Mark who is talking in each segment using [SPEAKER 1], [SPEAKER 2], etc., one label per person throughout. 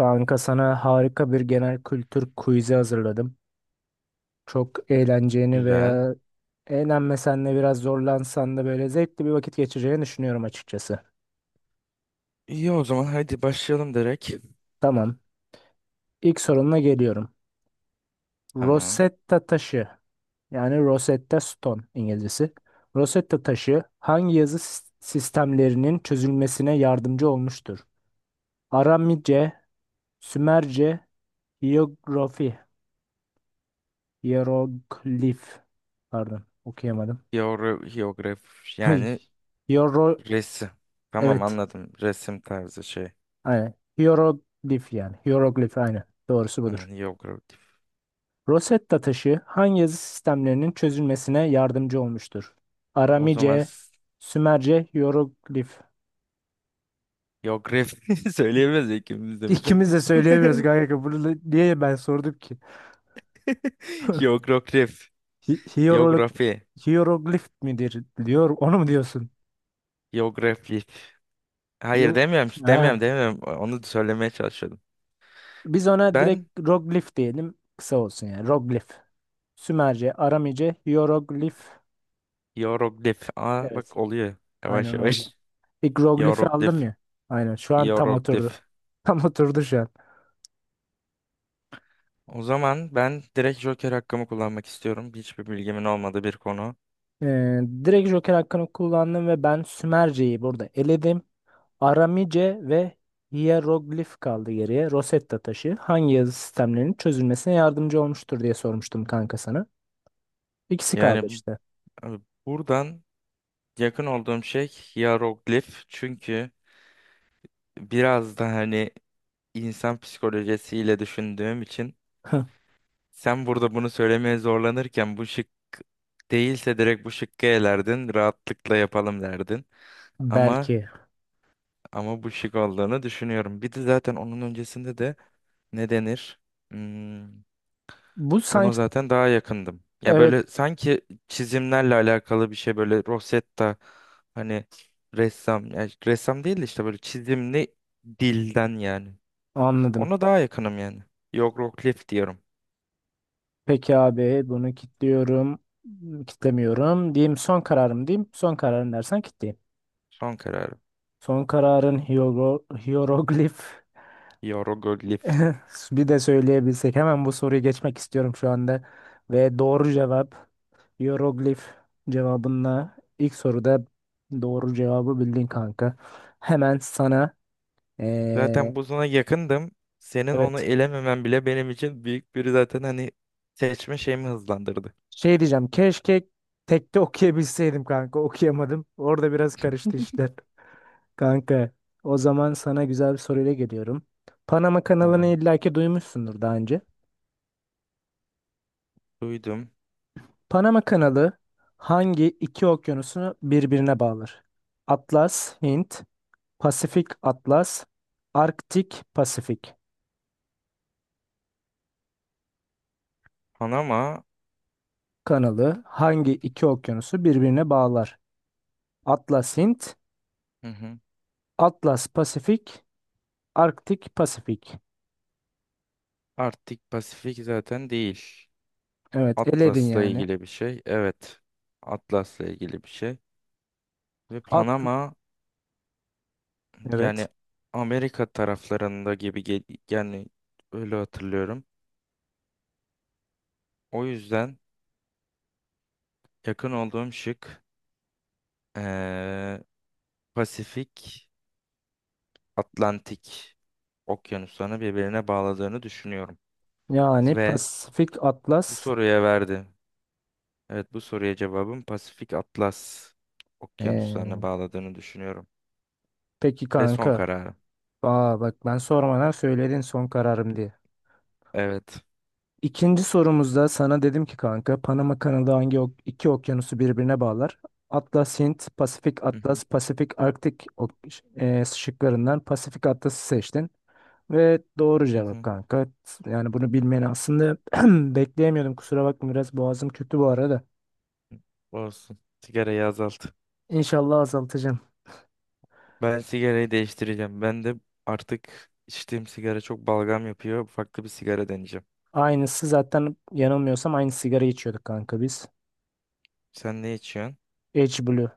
[SPEAKER 1] Kanka, sana harika bir genel kültür quiz'i hazırladım. Çok eğleneceğini
[SPEAKER 2] Güzel.
[SPEAKER 1] veya eğlenmesen de biraz zorlansan da böyle zevkli bir vakit geçireceğini düşünüyorum açıkçası.
[SPEAKER 2] İyi o zaman hadi başlayalım direkt.
[SPEAKER 1] Tamam. İlk sorunla geliyorum.
[SPEAKER 2] Tamam.
[SPEAKER 1] Rosetta taşı, yani Rosetta Stone İngilizcesi. Rosetta taşı hangi yazı sistemlerinin çözülmesine yardımcı olmuştur? Aramice, Sümerce, Hiyerografi, Hieroglif. Pardon, okuyamadım.
[SPEAKER 2] Hiyograf yani
[SPEAKER 1] Hiero-
[SPEAKER 2] resim. Tamam,
[SPEAKER 1] Evet.
[SPEAKER 2] anladım. Resim tarzı şey.
[SPEAKER 1] Aynen. Hieroglif yani. Hieroglif aynen. Doğrusu
[SPEAKER 2] Anan
[SPEAKER 1] budur.
[SPEAKER 2] hiyografik.
[SPEAKER 1] Rosetta taşı hangi yazı sistemlerinin çözülmesine yardımcı olmuştur?
[SPEAKER 2] O zaman
[SPEAKER 1] Aramice, Sümerce, Hieroglif.
[SPEAKER 2] hiyografi söyleyemez ikimiz de bir de.
[SPEAKER 1] İkimiz de söyleyemiyoruz kanka. Niye ben sordum ki?
[SPEAKER 2] Hiyograf.
[SPEAKER 1] Hi hierolog-
[SPEAKER 2] Hiyografi.
[SPEAKER 1] Hieroglif midir diyor. Onu mu diyorsun?
[SPEAKER 2] Hiyografi. Hayır,
[SPEAKER 1] Yo.
[SPEAKER 2] demiyorum. Demiyorum,
[SPEAKER 1] Ha.
[SPEAKER 2] demiyorum. Onu söylemeye çalışıyordum.
[SPEAKER 1] Biz ona
[SPEAKER 2] Ben
[SPEAKER 1] direkt roglif diyelim. Kısa olsun yani. Roglif. Sümerce, Aramice, Hieroglif.
[SPEAKER 2] hiyoglif. Aa,
[SPEAKER 1] Evet.
[SPEAKER 2] bak, oluyor. Yavaş
[SPEAKER 1] Aynen
[SPEAKER 2] yavaş.
[SPEAKER 1] oldu. Bir Groglif'i aldım
[SPEAKER 2] Hiyoglif.
[SPEAKER 1] ya. Aynen şu an tam oturdu.
[SPEAKER 2] Hiyoglif.
[SPEAKER 1] Tam oturdu şu an.
[SPEAKER 2] O zaman ben direkt Joker hakkımı kullanmak istiyorum. Hiçbir bilgimin olmadığı bir konu.
[SPEAKER 1] Direkt Joker hakkını kullandım ve ben Sümerce'yi burada eledim. Aramice ve Hieroglif kaldı geriye. Rosetta taşı hangi yazı sistemlerinin çözülmesine yardımcı olmuştur diye sormuştum kanka sana. İkisi kaldı
[SPEAKER 2] Yani
[SPEAKER 1] işte.
[SPEAKER 2] buradan yakın olduğum şey hieroglif. Çünkü biraz da hani insan psikolojisiyle düşündüğüm için sen burada bunu söylemeye zorlanırken bu şık değilse direkt bu şıkkı elerdin. Rahatlıkla yapalım derdin. Ama
[SPEAKER 1] Belki.
[SPEAKER 2] ama bu şık olduğunu düşünüyorum. Bir de zaten onun öncesinde de ne denir? Hmm,
[SPEAKER 1] Bu
[SPEAKER 2] Buna
[SPEAKER 1] sanki
[SPEAKER 2] zaten daha yakındım. Ya
[SPEAKER 1] evet,
[SPEAKER 2] böyle sanki çizimlerle alakalı bir şey, böyle Rosetta, hani ressam, yani ressam değil de işte böyle çizimli dilden yani.
[SPEAKER 1] anladım.
[SPEAKER 2] Ona daha yakınım yani. Hieroglif diyorum.
[SPEAKER 1] Peki abi, bunu kilitliyorum. Kitlemiyorum. Diyeyim son kararım diyeyim. Son kararım dersen kilitleyeyim.
[SPEAKER 2] Son kararım.
[SPEAKER 1] Son kararın hieroglif.
[SPEAKER 2] Hieroglif.
[SPEAKER 1] Bir de söyleyebilsek. Hemen bu soruyu geçmek istiyorum şu anda. Ve doğru cevap hieroglif cevabınla ilk soruda doğru cevabı bildin kanka. Hemen sana eee,
[SPEAKER 2] Zaten bu sana yakındım. Senin onu
[SPEAKER 1] evet,
[SPEAKER 2] elememen bile benim için büyük bir, zaten hani, seçme şeyimi hızlandırdı.
[SPEAKER 1] şey diyeceğim. Keşke tekte okuyabilseydim kanka. Okuyamadım. Orada biraz karıştı işler. Kanka, o zaman sana güzel bir soruyla geliyorum. Panama kanalını
[SPEAKER 2] Tamam.
[SPEAKER 1] illaki duymuşsundur daha önce.
[SPEAKER 2] Duydum.
[SPEAKER 1] Panama Kanalı hangi iki okyanusunu birbirine bağlar? Atlas, Hint, Pasifik Atlas, Arktik Pasifik
[SPEAKER 2] Panama.
[SPEAKER 1] kanalı hangi iki okyanusu birbirine bağlar? Atlas Hint,
[SPEAKER 2] Hı hı.
[SPEAKER 1] Atlas Pasifik, Arktik Pasifik.
[SPEAKER 2] Arktik Pasifik zaten değil.
[SPEAKER 1] Evet, eledin
[SPEAKER 2] Atlas'la
[SPEAKER 1] yani.
[SPEAKER 2] ilgili bir şey. Evet. Atlas'la ilgili bir şey. Ve
[SPEAKER 1] At
[SPEAKER 2] Panama,
[SPEAKER 1] evet.
[SPEAKER 2] yani Amerika taraflarında gibi yani öyle hatırlıyorum. O yüzden yakın olduğum şık eee, Pasifik, Atlantik okyanuslarını birbirine bağladığını düşünüyorum.
[SPEAKER 1] Yani
[SPEAKER 2] Ve
[SPEAKER 1] Pasifik
[SPEAKER 2] bu
[SPEAKER 1] Atlas.
[SPEAKER 2] soruya verdi. Evet, bu soruya cevabım Pasifik Atlas okyanuslarını
[SPEAKER 1] Ee,
[SPEAKER 2] bağladığını düşünüyorum.
[SPEAKER 1] peki
[SPEAKER 2] Ve
[SPEAKER 1] kanka.
[SPEAKER 2] son kararım.
[SPEAKER 1] Aa bak, ben sormadan söyledin son kararım diye.
[SPEAKER 2] Evet.
[SPEAKER 1] İkinci sorumuzda sana dedim ki kanka, Panama kanalı hangi iki okyanusu birbirine bağlar? Atlas Hint, Pasifik
[SPEAKER 2] Hı hı.
[SPEAKER 1] Atlas, Pasifik Arktik ok, şıklarından Pasifik Atlas'ı seçtin. Ve doğru
[SPEAKER 2] Hı
[SPEAKER 1] cevap
[SPEAKER 2] hı.
[SPEAKER 1] kanka. Yani bunu bilmeni aslında bekleyemiyordum. Kusura bakma, biraz boğazım kötü bu arada.
[SPEAKER 2] Olsun. Sigarayı azalt.
[SPEAKER 1] İnşallah azaltacağım.
[SPEAKER 2] Ben sigarayı değiştireceğim. Ben de artık içtiğim sigara çok balgam yapıyor. Farklı bir sigara deneyeceğim.
[SPEAKER 1] Aynısı zaten, yanılmıyorsam aynı sigara içiyorduk kanka biz.
[SPEAKER 2] Sen ne içiyorsun?
[SPEAKER 1] H Blue.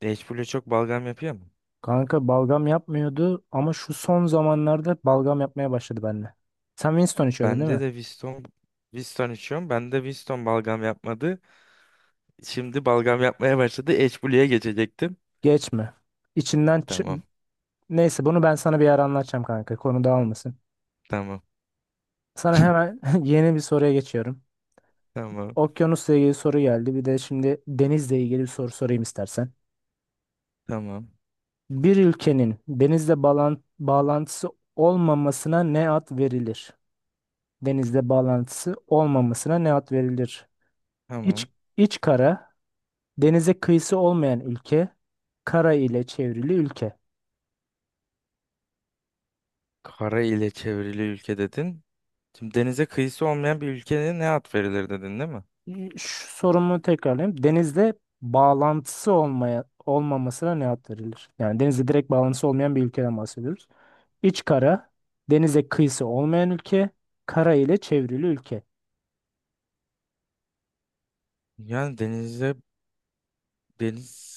[SPEAKER 2] H Blue çok balgam yapıyor mu?
[SPEAKER 1] Kanka, balgam yapmıyordu ama şu son zamanlarda balgam yapmaya başladı benimle. Sen Winston içiyordun değil
[SPEAKER 2] Bende
[SPEAKER 1] mi?
[SPEAKER 2] de Viston içiyorum. Bende Viston balgam yapmadı. Şimdi balgam yapmaya başladı. H Blue'ya geçecektim.
[SPEAKER 1] Geçme. İçinden
[SPEAKER 2] Tamam.
[SPEAKER 1] çı- Neyse, bunu ben sana bir ara anlatacağım kanka. Konu dağılmasın.
[SPEAKER 2] Tamam.
[SPEAKER 1] Sana hemen yeni bir soruya geçiyorum.
[SPEAKER 2] Tamam.
[SPEAKER 1] Okyanusla ilgili soru geldi. Bir de şimdi denizle ilgili bir soru sorayım istersen.
[SPEAKER 2] Tamam.
[SPEAKER 1] Bir ülkenin denizle bağlantısı olmamasına ne ad verilir? Denizle bağlantısı olmamasına ne ad verilir? İç,
[SPEAKER 2] Tamam.
[SPEAKER 1] iç kara, denize kıyısı olmayan ülke, kara ile çevrili ülke.
[SPEAKER 2] Kara ile çevrili ülke dedin. Şimdi denize kıyısı olmayan bir ülkeye ne ad verilir dedin, değil mi?
[SPEAKER 1] Şu sorumu tekrarlayayım. Denizde bağlantısı olmaya olmamasına ne ad verilir? Yani denizde direkt bağlantısı olmayan bir ülkeden bahsediyoruz. İç kara, denize kıyısı olmayan ülke, kara ile çevrili ülke.
[SPEAKER 2] Yani denize deniz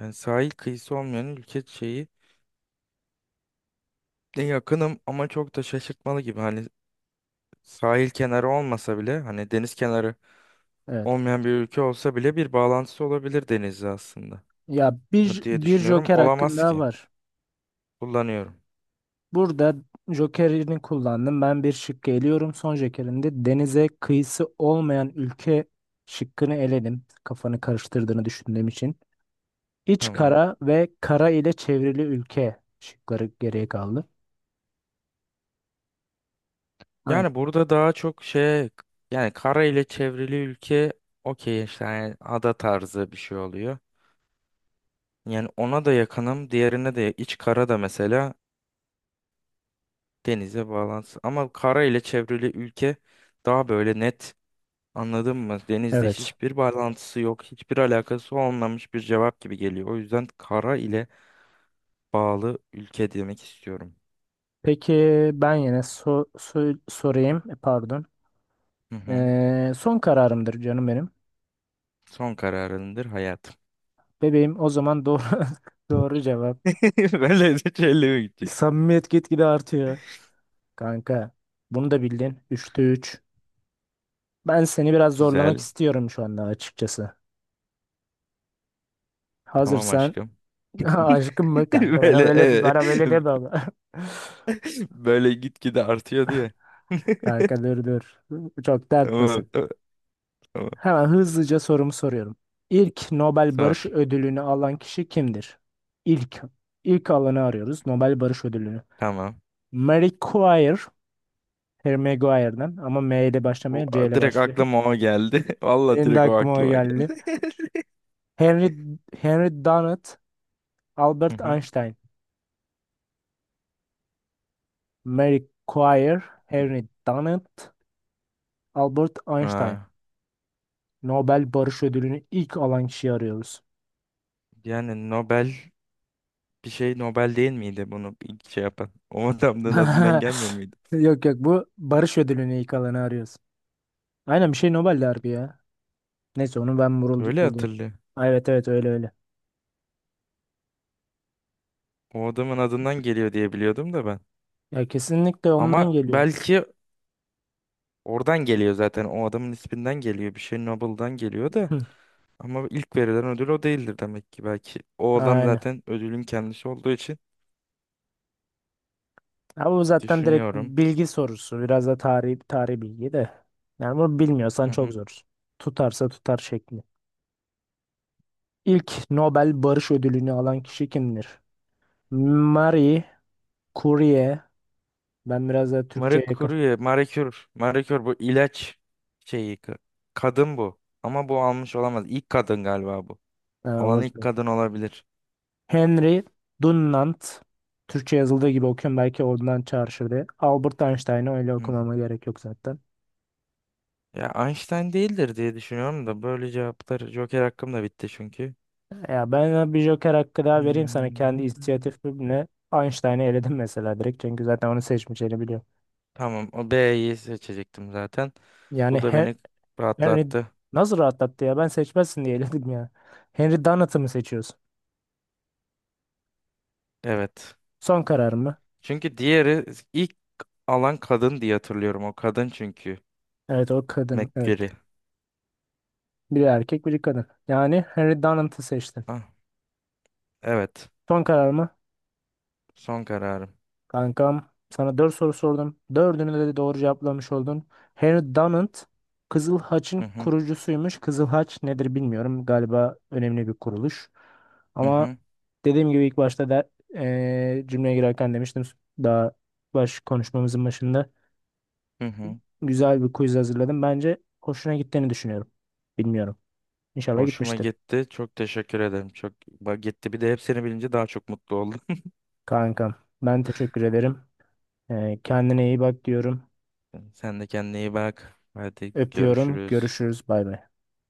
[SPEAKER 2] Yani sahil kıyısı olmayan ülke şeyi de yakınım, ama çok da şaşırtmalı gibi. Hani sahil kenarı olmasa bile, hani deniz kenarı
[SPEAKER 1] Evet.
[SPEAKER 2] olmayan bir ülke olsa bile bir bağlantısı olabilir denizle aslında
[SPEAKER 1] Ya,
[SPEAKER 2] mı
[SPEAKER 1] bir
[SPEAKER 2] diye
[SPEAKER 1] bir
[SPEAKER 2] düşünüyorum.
[SPEAKER 1] joker hakkın
[SPEAKER 2] Olamaz
[SPEAKER 1] daha
[SPEAKER 2] ki.
[SPEAKER 1] var.
[SPEAKER 2] Kullanıyorum.
[SPEAKER 1] Burada jokerini kullandım. Ben bir şık eliyorum. Son jokerinde denize kıyısı olmayan ülke şıkkını eledim. Kafanı karıştırdığını düşündüğüm için. İç
[SPEAKER 2] Tamam.
[SPEAKER 1] kara ve kara ile çevrili ülke şıkları geriye kaldı. Aynen.
[SPEAKER 2] Yani burada daha çok şey, yani kara ile çevrili ülke, okey işte, yani ada tarzı bir şey oluyor. Yani ona da yakınım. Diğerine de, iç kara da mesela, denize bağlantısı. Ama kara ile çevrili ülke daha böyle net. Anladın mı? Denizle
[SPEAKER 1] Evet.
[SPEAKER 2] hiçbir bağlantısı yok, hiçbir alakası olmamış bir cevap gibi geliyor. O yüzden kara ile bağlı ülke demek istiyorum.
[SPEAKER 1] Peki ben yine sorayım. Pardon.
[SPEAKER 2] Hı hı.
[SPEAKER 1] Son kararımdır canım benim.
[SPEAKER 2] Son kararındır hayat.
[SPEAKER 1] Bebeğim, o zaman doğru doğru cevap.
[SPEAKER 2] Böyle de seçelim gidecek.
[SPEAKER 1] Samimiyet gitgide artıyor. Kanka, bunu da bildin. Üçte 3. Ben seni biraz zorlamak
[SPEAKER 2] Güzel.
[SPEAKER 1] istiyorum şu anda açıkçası.
[SPEAKER 2] Tamam
[SPEAKER 1] Hazırsan
[SPEAKER 2] aşkım.
[SPEAKER 1] aşkım mı kanka, bana
[SPEAKER 2] Böyle
[SPEAKER 1] böyle bana böyle deme ama.
[SPEAKER 2] böyle gitgide artıyor diye.
[SPEAKER 1] Kanka dur. Çok
[SPEAKER 2] Tamam,
[SPEAKER 1] dertmesin.
[SPEAKER 2] tamam, tamam.
[SPEAKER 1] Hemen hızlıca sorumu soruyorum. İlk Nobel
[SPEAKER 2] Sor.
[SPEAKER 1] Barış Ödülünü alan kişi kimdir? İlk. İlk alanı arıyoruz. Nobel Barış Ödülünü.
[SPEAKER 2] Tamam.
[SPEAKER 1] Marie Curie. Harry Maguire'dan ama M ile
[SPEAKER 2] O,
[SPEAKER 1] başlamıyor, C ile
[SPEAKER 2] direkt
[SPEAKER 1] başlıyor.
[SPEAKER 2] aklıma o geldi. Vallahi
[SPEAKER 1] Benim de
[SPEAKER 2] direkt o
[SPEAKER 1] aklıma o
[SPEAKER 2] aklıma
[SPEAKER 1] geldi.
[SPEAKER 2] geldi.
[SPEAKER 1] Henry, Henry Dunant,
[SPEAKER 2] Hı
[SPEAKER 1] Albert
[SPEAKER 2] hı.
[SPEAKER 1] Einstein. Marie Curie, Henry Dunant, Albert Einstein.
[SPEAKER 2] Ha.
[SPEAKER 1] Nobel Barış Ödülünü ilk alan kişiyi arıyoruz.
[SPEAKER 2] Yani Nobel Bir şey Nobel değil miydi bunu ilk şey yapan? O adamın adından gelmiyor muydu?
[SPEAKER 1] Yok, bu Barış Ödülünü ilk alanı arıyoruz. Aynen, bir şey Nobel Derbi ya. Neyse, onu ben
[SPEAKER 2] Öyle
[SPEAKER 1] bulayım.
[SPEAKER 2] hatırlıyor.
[SPEAKER 1] Ay, evet, öyle öyle.
[SPEAKER 2] O adamın adından geliyor diye biliyordum da ben.
[SPEAKER 1] Ya kesinlikle
[SPEAKER 2] Ama
[SPEAKER 1] ondan geliyor.
[SPEAKER 2] belki oradan geliyor zaten. O adamın isminden geliyor. Bir şey Nobel'dan geliyor da.
[SPEAKER 1] Hı,
[SPEAKER 2] Ama ilk verilen ödül o değildir demek ki. Belki o adam
[SPEAKER 1] Aynen.
[SPEAKER 2] zaten ödülün kendisi olduğu için
[SPEAKER 1] Ya bu zaten direkt
[SPEAKER 2] düşünüyorum.
[SPEAKER 1] bilgi sorusu. Biraz da tarih, tarih bilgi de. Yani bunu bilmiyorsan
[SPEAKER 2] Hı
[SPEAKER 1] çok
[SPEAKER 2] hı.
[SPEAKER 1] zor. Tutarsa tutar şekli. İlk Nobel Barış Ödülünü alan kişi kimdir? Marie Curie. Ben biraz da
[SPEAKER 2] Marie
[SPEAKER 1] Türkçe'ye yakın.
[SPEAKER 2] Curie, Marie Curie, Marie Curie bu ilaç şeyi. Kadın bu. Ama bu almış olamaz. İlk kadın galiba bu.
[SPEAKER 1] Ha,
[SPEAKER 2] Alan ilk
[SPEAKER 1] olabilir.
[SPEAKER 2] kadın olabilir.
[SPEAKER 1] Henry Dunant. Türkçe yazıldığı gibi okuyorum. Belki ondan çağrışır diye. Albert Einstein'ı öyle okumama gerek yok zaten.
[SPEAKER 2] Ya, Einstein değildir diye düşünüyorum da, böyle cevaplar. Joker hakkım da bitti çünkü.
[SPEAKER 1] Ya ben bir Joker hakkı daha vereyim sana, kendi
[SPEAKER 2] Hmm.
[SPEAKER 1] inisiyatifimle Einstein'ı eledim mesela direkt, çünkü zaten onu seçmeyeceğini biliyorum.
[SPEAKER 2] Tamam, o B'yi seçecektim zaten.
[SPEAKER 1] Yani
[SPEAKER 2] Bu da
[SPEAKER 1] Hen-
[SPEAKER 2] beni
[SPEAKER 1] Henry
[SPEAKER 2] rahatlattı.
[SPEAKER 1] nasıl rahatlattı ya, ben seçmezsin diye eledim ya. Henry Donat'ı mı seçiyorsun?
[SPEAKER 2] Evet.
[SPEAKER 1] Son karar mı?
[SPEAKER 2] Çünkü diğeri ilk alan kadın diye hatırlıyorum. O kadın çünkü.
[SPEAKER 1] Evet, o kadın, evet.
[SPEAKER 2] McCreary.
[SPEAKER 1] Biri erkek biri kadın. Yani Henry Donat'ı seçtin.
[SPEAKER 2] Ah, evet.
[SPEAKER 1] Son karar mı?
[SPEAKER 2] Son kararım.
[SPEAKER 1] Kankam, sana 4 soru sordum. Dördünü de doğru cevaplamış oldun. Henry Dunant Kızıl
[SPEAKER 2] Hı
[SPEAKER 1] Haç'ın
[SPEAKER 2] hı,
[SPEAKER 1] kurucusuymuş. Kızıl Haç nedir bilmiyorum. Galiba önemli bir kuruluş.
[SPEAKER 2] hı
[SPEAKER 1] Ama
[SPEAKER 2] hı,
[SPEAKER 1] dediğim gibi ilk başta da cümleye girerken demiştim. Daha baş konuşmamızın başında
[SPEAKER 2] hı hı.
[SPEAKER 1] güzel bir quiz hazırladım. Bence hoşuna gittiğini düşünüyorum. Bilmiyorum. İnşallah
[SPEAKER 2] Hoşuma
[SPEAKER 1] gitmiştir.
[SPEAKER 2] gitti. Çok teşekkür ederim. Çok, bak, gitti. Bir de hepsini bilince daha çok mutlu oldum.
[SPEAKER 1] Kankam, ben teşekkür ederim. Kendine iyi bak diyorum.
[SPEAKER 2] Sen de kendine iyi bak. Hadi
[SPEAKER 1] Öpüyorum.
[SPEAKER 2] görüşürüz.
[SPEAKER 1] Görüşürüz. Bay bay.